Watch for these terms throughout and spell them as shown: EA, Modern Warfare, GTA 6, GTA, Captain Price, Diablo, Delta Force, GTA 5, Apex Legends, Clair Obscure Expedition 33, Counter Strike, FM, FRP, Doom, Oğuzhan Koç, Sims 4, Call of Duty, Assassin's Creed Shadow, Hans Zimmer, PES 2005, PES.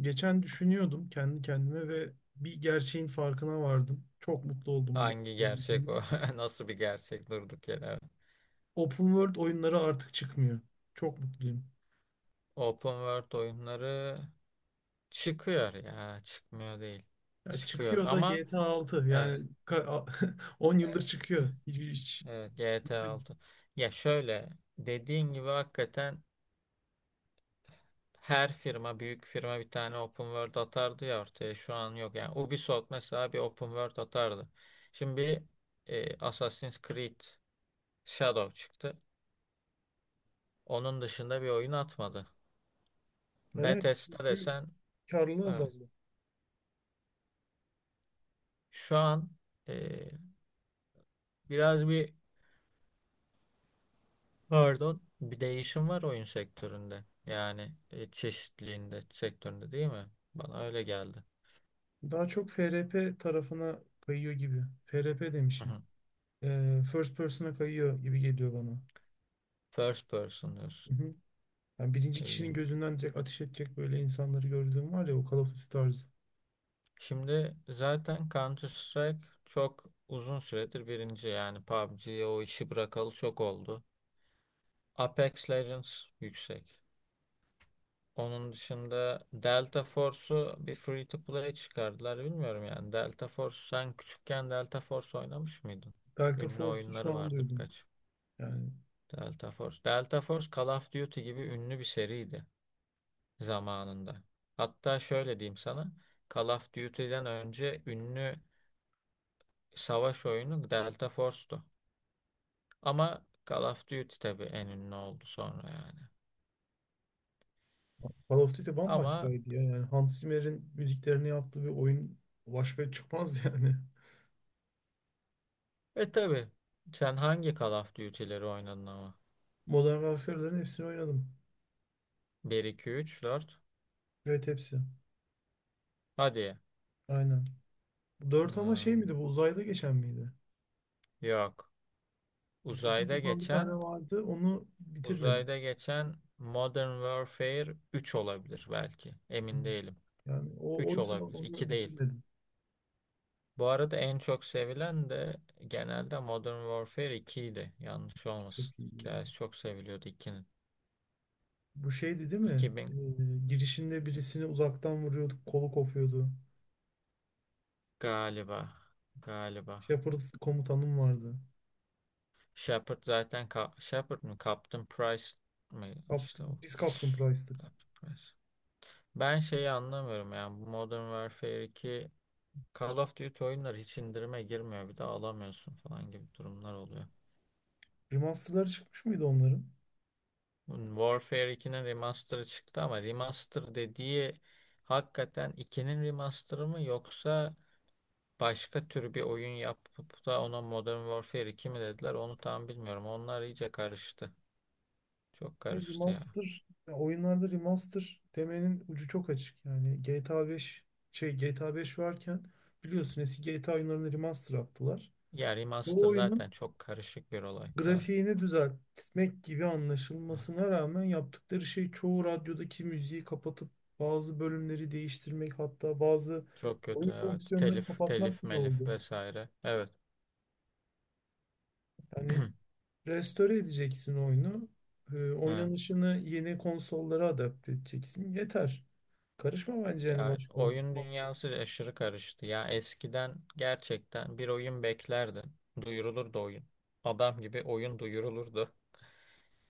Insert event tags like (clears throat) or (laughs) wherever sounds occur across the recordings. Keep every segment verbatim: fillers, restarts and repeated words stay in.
Geçen düşünüyordum kendi kendime ve bir gerçeğin farkına vardım. Çok mutlu oldum bu Hangi gerçeği gerçek bulduğumda. bu? (laughs) Nasıl bir gerçek durduk yere? Open World oyunları artık çıkmıyor. Çok mutluyum. Open World oyunları çıkıyor ya. Çıkmıyor değil. Ya Çıkıyor çıkıyor da ama G T A altı evet, yani ka- (laughs) on yıldır çıkıyor. Hiç, hiç. evet G T A altı. Ya şöyle dediğin gibi hakikaten her firma büyük firma bir tane open world atardı ya ortaya şu an yok. Yani Ubisoft mesela bir open world atardı. Şimdi bir e, Assassin's Creed Shadow çıktı. Onun dışında bir oyun atmadı. Yani evet, Bethesda çünkü desen karlılığı evet, azaldı. şu an e, biraz bir pardon bir değişim var oyun sektöründe. Yani e, çeşitliliğinde sektöründe değil mi? Bana öyle geldi. Daha çok F R P tarafına kayıyor gibi. F R P Hı demişim. hı. Ee, first person'a kayıyor gibi geliyor bana. First person diyorsun. Hı hı. Yani birinci kişinin İlginç. gözünden direkt ateş edecek böyle insanları gördüğüm var ya, o Call of Duty tarzı. Şimdi zaten Counter Strike çok uzun süredir birinci yani P U B G'ye o işi bırakalı çok oldu. Apex Legends yüksek. Onun dışında Delta Force'u bir free to play çıkardılar bilmiyorum yani. Delta Force sen küçükken Delta Force oynamış mıydın? Delta Ünlü Force'u şu oyunları an vardı duydum. birkaç. Yani Delta Force. Delta Force Call of Duty gibi ünlü bir seriydi zamanında. Hatta şöyle diyeyim sana. Call of Duty'den önce ünlü savaş oyunu Delta Force'tu. Ama Call of Duty tabii en ünlü oldu sonra yani. Call of Duty Ama bambaşkaydı ya. Yani Hans Zimmer'in müziklerini yaptığı bir oyun başka çıkmaz yani. e tabii sen hangi Call of Duty'leri oynadın ama? (laughs) Modern Warfare'ların hepsini oynadım. Bir iki üç dört. Evet, hepsi. Hadi. Aynen. Dört, ama şey Hmm, miydi, bu uzayda geçen miydi? yok. Bir saçma Uzayda sapan bir tane geçen vardı, onu bitirmedim. uzayda geçen Modern Warfare üç olabilir belki. Emin değilim. Yani o Üç oysa olabilir. onu İki değil. bitirmedim. Bu arada en çok sevilen de genelde Modern Warfare iki idi. Yanlış Çok olmasın. iyiydi ya. Hikayesi çok seviliyordu ikinin. Bu şeydi, değil mi? İki Ee, bin girişinde birisini uzaktan vuruyorduk, kolu kopuyordu. galiba. Galiba. Shepard komutanım vardı. Shepard zaten ka- Shepard mı? Captain Price mı? Kaptı, İşte o. biz Captain Price'tık. Captain Price. Ben şeyi anlamıyorum yani bu Modern Warfare iki Call of Duty oyunları hiç indirime girmiyor bir de alamıyorsun falan gibi durumlar oluyor. Remaster'ları çıkmış mıydı onların? Warfare ikinin remaster'ı çıktı ama remaster dediği hakikaten ikinin remaster'ı mı yoksa başka tür bir oyun yapıp da ona Modern Warfare iki mi dediler onu tam bilmiyorum. Onlar iyice karıştı. Çok E, karıştı ya. remaster, ya oyunlarda remaster demenin ucu çok açık. Yani G T A beş şey G T A beş varken biliyorsun, eski G T A oyunlarını remaster attılar. Ya Bu remaster oyunun zaten çok karışık bir olay. Evet. grafiğini düzeltmek gibi Evet. anlaşılmasına rağmen yaptıkları şey çoğu radyodaki müziği kapatıp bazı bölümleri değiştirmek, hatta bazı Çok oyun kötü evet. fonksiyonlarını Telif, kapatmak telif, bile melif oldu. vesaire. Evet. Yani (clears throat) restore edeceksin oyunu. Ee, Evet. oynanışını yeni konsollara adapte edeceksin. Yeter. Karışma bence, yani Ya başka oyun master. dünyası aşırı karıştı. Ya eskiden gerçekten bir oyun beklerdin. Duyurulurdu oyun. Adam gibi oyun duyurulurdu.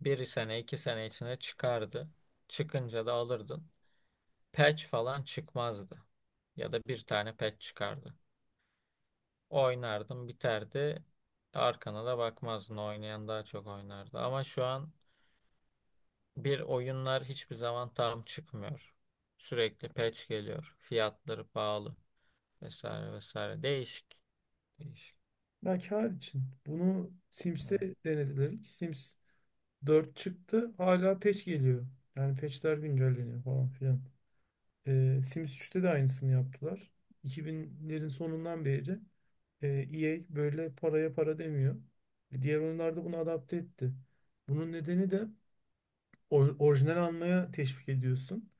Bir sene iki sene içine çıkardı. Çıkınca da alırdın. Patch falan çıkmazdı. Ya da bir tane patch çıkardı. Oynardın biterdi. Arkana da bakmazdın. Oynayan daha çok oynardı. Ama şu an bir oyunlar hiçbir zaman tam çıkmıyor. Sürekli patch geliyor. Fiyatları pahalı. Vesaire vesaire. Değişik. Değişik. Ya kâr için. Bunu Sims'te Evet. denediler ki Sims dört çıktı. Hala patch geliyor. Yani patchler güncelleniyor falan filan. Ee, Sims üçte de aynısını yaptılar. iki binlerin sonundan beri e, EA böyle paraya para demiyor. E, Diğer oyunlarda bunu adapte etti. Bunun nedeni de or- orijinal almaya teşvik ediyorsun.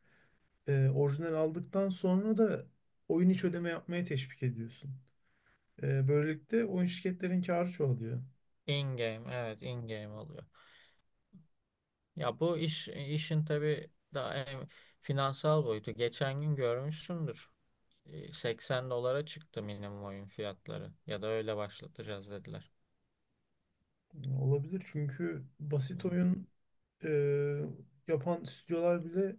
E, orijinal aldıktan sonra da oyun içi ödeme yapmaya teşvik ediyorsun. E, böylelikle oyun şirketlerin karı çoğalıyor. In game evet in game oluyor. Ya bu iş işin tabii daha en finansal boyutu. Geçen gün görmüşsündür. E, seksen dolara çıktı minimum oyun fiyatları ya da öyle başlatacağız dediler. E, Olabilir, çünkü basit Evet. oyun e, yapan stüdyolar bile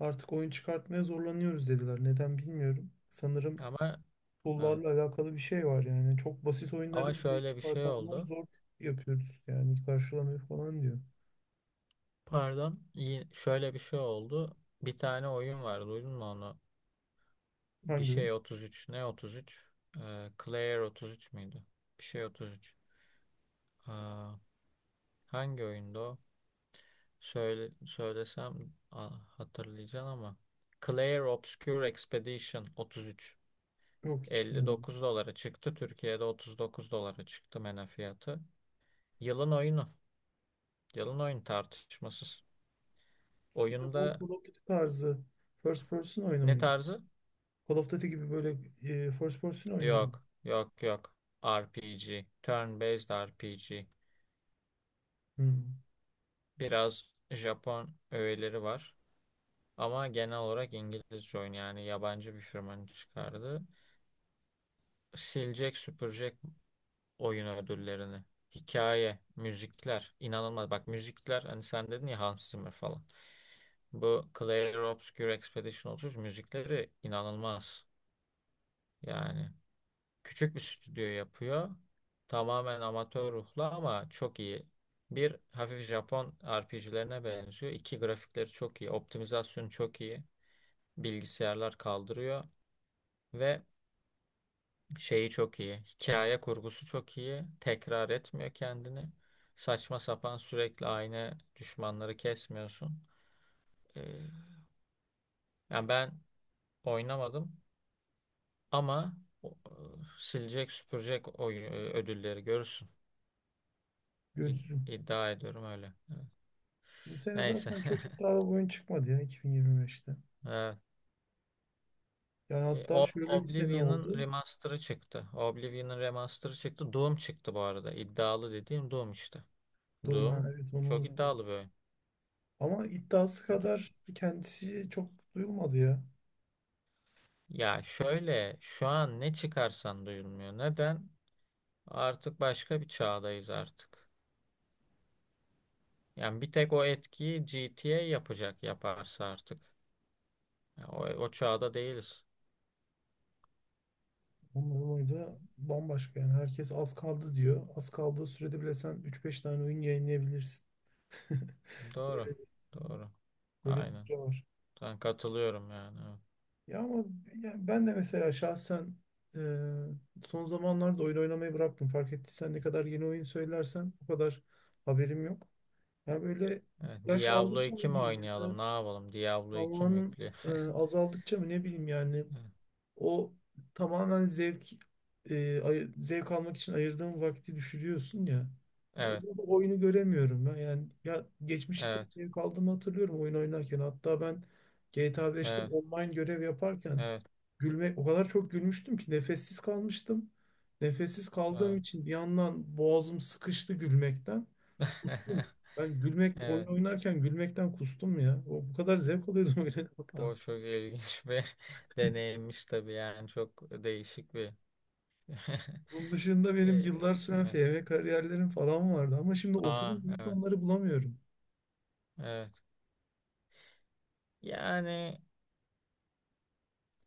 artık oyun çıkartmaya zorlanıyoruz dediler. Neden bilmiyorum. Sanırım Ama evet. tool'larla alakalı bir şey var yani. Çok basit Ama oyunları bile şöyle bir şey çıkartanlar oldu. zor yapıyoruz yani, karşılamıyor falan diyor. Pardon. İyi, şöyle bir şey oldu. Bir tane oyun var. Duydun mu onu? Bir Hangi oyun? şey otuz üç. Ne otuz üç? Ee, Claire otuz üç müydü? Bir şey otuz üç. Hangi oyunda o? Söyle, söylesem a- hatırlayacaksın ama. Clair Obscure Expedition otuz üç. Yok, hiç bilmiyorum. elli dokuz dolara çıktı. Türkiye'de otuz dokuz dolara çıktı mena fiyatı. Yılın oyunu. Yılın oyun tartışmasız. Bir de bu Oyunda Call of Duty tarzı first person oyunu ne muydu? tarzı? Call of Duty gibi böyle e, first person oyunu mu? Yok. Yok yok. R P G. Turn-based R P G. Hmm, Biraz Japon öğeleri var. Ama genel olarak İngilizce oyun yani yabancı bir firmanın çıkardığı silecek süpürecek oyun ödüllerini. Hikaye, müzikler inanılmaz. Bak müzikler hani sen dedin ya Hans Zimmer falan. Bu Clair Obscur Expedition otuz üç müzikleri inanılmaz. Yani küçük bir stüdyo yapıyor. Tamamen amatör ruhlu ama çok iyi. Bir hafif Japon R P G'lerine benziyor. İki grafikleri çok iyi. Optimizasyonu çok iyi. Bilgisayarlar kaldırıyor. Ve şeyi çok iyi. Hikaye kurgusu çok iyi. Tekrar etmiyor kendini. Saçma sapan sürekli aynı düşmanları kesmiyorsun. Ee, yani ben oynamadım ama o- e, silecek süpürecek oy- e, ödülleri görürsün. İd- Görürüm. İddia ediyorum öyle. Evet. Bu sene Neyse. zaten çok (laughs) iddialı bir oyun çıkmadı ya, iki bin yirmi beşte. Evet. Yani E, hatta O- şöyle bir sene oldu. Oblivion'ın remaster'ı çıktı. Oblivion'ın remaster'ı çıktı. Doom çıktı bu arada. İddialı dediğim Doom işte. Doom, ha, Doom evet, onu çok unuttum. iddialı bir oyun. Ama iddiası kadar kendisi çok duyulmadı ya. Ya şöyle şu an ne çıkarsan duyulmuyor. Neden? Artık başka bir çağdayız artık. Yani bir tek o etkiyi G T A yapacak yaparsa artık. Ya o, o çağda değiliz. Onların oyunu da bambaşka yani. Herkes az kaldı diyor. Az kaldığı sürede bile sen üç beş tane oyun yayınlayabilirsin. (laughs) Doğru. Doğru. Böyle bir Aynen. süre var. Ben katılıyorum yani. Evet. Ya ama ya ben de mesela şahsen e, son zamanlarda oyun oynamayı bıraktım. Fark ettiysen, ne kadar yeni oyun söylersen o kadar haberim yok. Ya böyle Evet, yaş Diablo aldıkça iki mı mi diyeyim, ya da oynayalım? Ne yapalım? Diablo iki mi zamanın yükleyelim? e, (laughs) azaldıkça mı, ne bileyim yani. O tamamen zevk e, ay- zevk almak için ayırdığın vakti düşürüyorsun ya. Ya Evet. orada da oyunu göremiyorum ben. Yani ya geçmişte Evet. zevk aldığımı hatırlıyorum oyun oynarken. Hatta ben G T A beşte Evet. online görev yaparken Evet. gülme, o kadar çok gülmüştüm ki nefessiz kalmıştım. Nefessiz kaldığım Evet. için bir yandan boğazım sıkıştı gülmekten. Kustum. (laughs) Ben gülmek, oyun Evet. oynarken gülmekten kustum ya. O bu kadar zevk alıyordum (laughs) oyuna. O çok ilginç bir (laughs) deneyimmiş tabii yani çok değişik bir Bunun (laughs) dışında benim Ee, yıllar süren evet. F M kariyerlerim falan vardı, ama şimdi Aa, oturup hiç evet, onları bulamıyorum. evet. Yani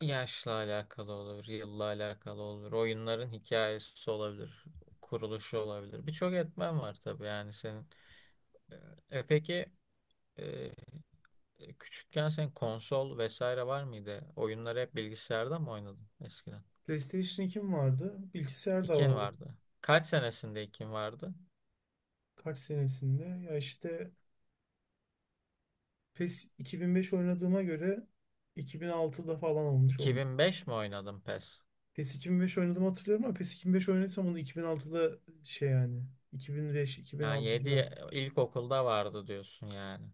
yaşla alakalı olur, yılla alakalı olur, oyunların hikayesi olabilir, kuruluşu olabilir. Birçok etmen var tabii yani senin. E, e, peki e, e, küçükken senin konsol vesaire var mıydı? Oyunları hep bilgisayarda mı oynadın eskiden? PlayStation ikim vardı, bilgisayar da İkin vardı. vardı. Kaç senesinde ikin vardı? Kaç senesinde? Ya işte, PES iki bin beş oynadığıma göre iki bin altıda falan olmuş olması. iki bin beş mi oynadın PES? PES iki bin beş oynadığımı hatırlıyorum, ama PES iki bin beş oynadıysam onu iki bin altıda, şey yani, Yani iki bin beş-iki bin altı civarı. yedi ilkokulda vardı diyorsun yani.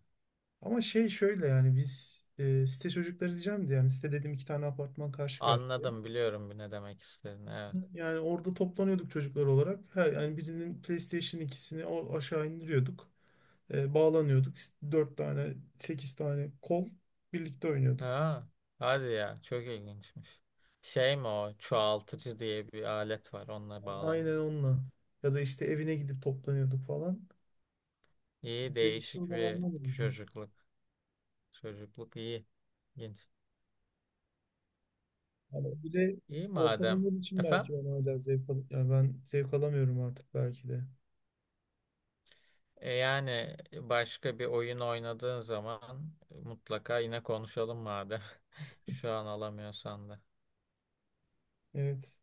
Ama şey şöyle yani, biz e, site çocukları diyeceğim de, yani site dediğim iki tane apartman karşı karşıya. Anladım biliyorum bir ne demek istediğini. Evet. Yani orada toplanıyorduk çocuklar olarak. Her, yani birinin PlayStation ikisini o aşağı indiriyorduk. Ee, bağlanıyorduk. İşte dört tane, sekiz tane kol birlikte oynuyorduk. Ha, hadi ya çok ilginçmiş. Şey mi o çoğaltıcı diye bir alet var onunla bağlanıyor. Aynen, onunla. Ya da işte evine gidip toplanıyorduk falan. İyi Ben işte o değişik bir zamanlar oldu. çocukluk. Çocukluk iyi. İlginç. Yani bir de İyi ortam madem. olmadığı için belki Efendim? ben hala zevk al yani ben zevk alamıyorum artık belki de. E, yani başka bir oyun oynadığın zaman mutlaka yine konuşalım madem. (laughs) Şu an alamıyorsan da. Evet,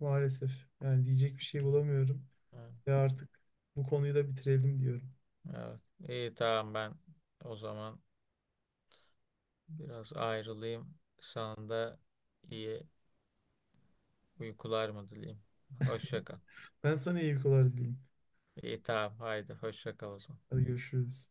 maalesef. Yani diyecek bir şey Hı, bulamıyorum. hı. Ve artık bu konuyu da bitirelim diyorum. Evet. İyi tamam ben o zaman. Biraz ayrılayım. Sana da iyi uykular mı dileyim? Hoşça kal. Ben sana iyi uykular dileyim. İyi tamam haydi hoşça kal o zaman. Hadi, görüşürüz.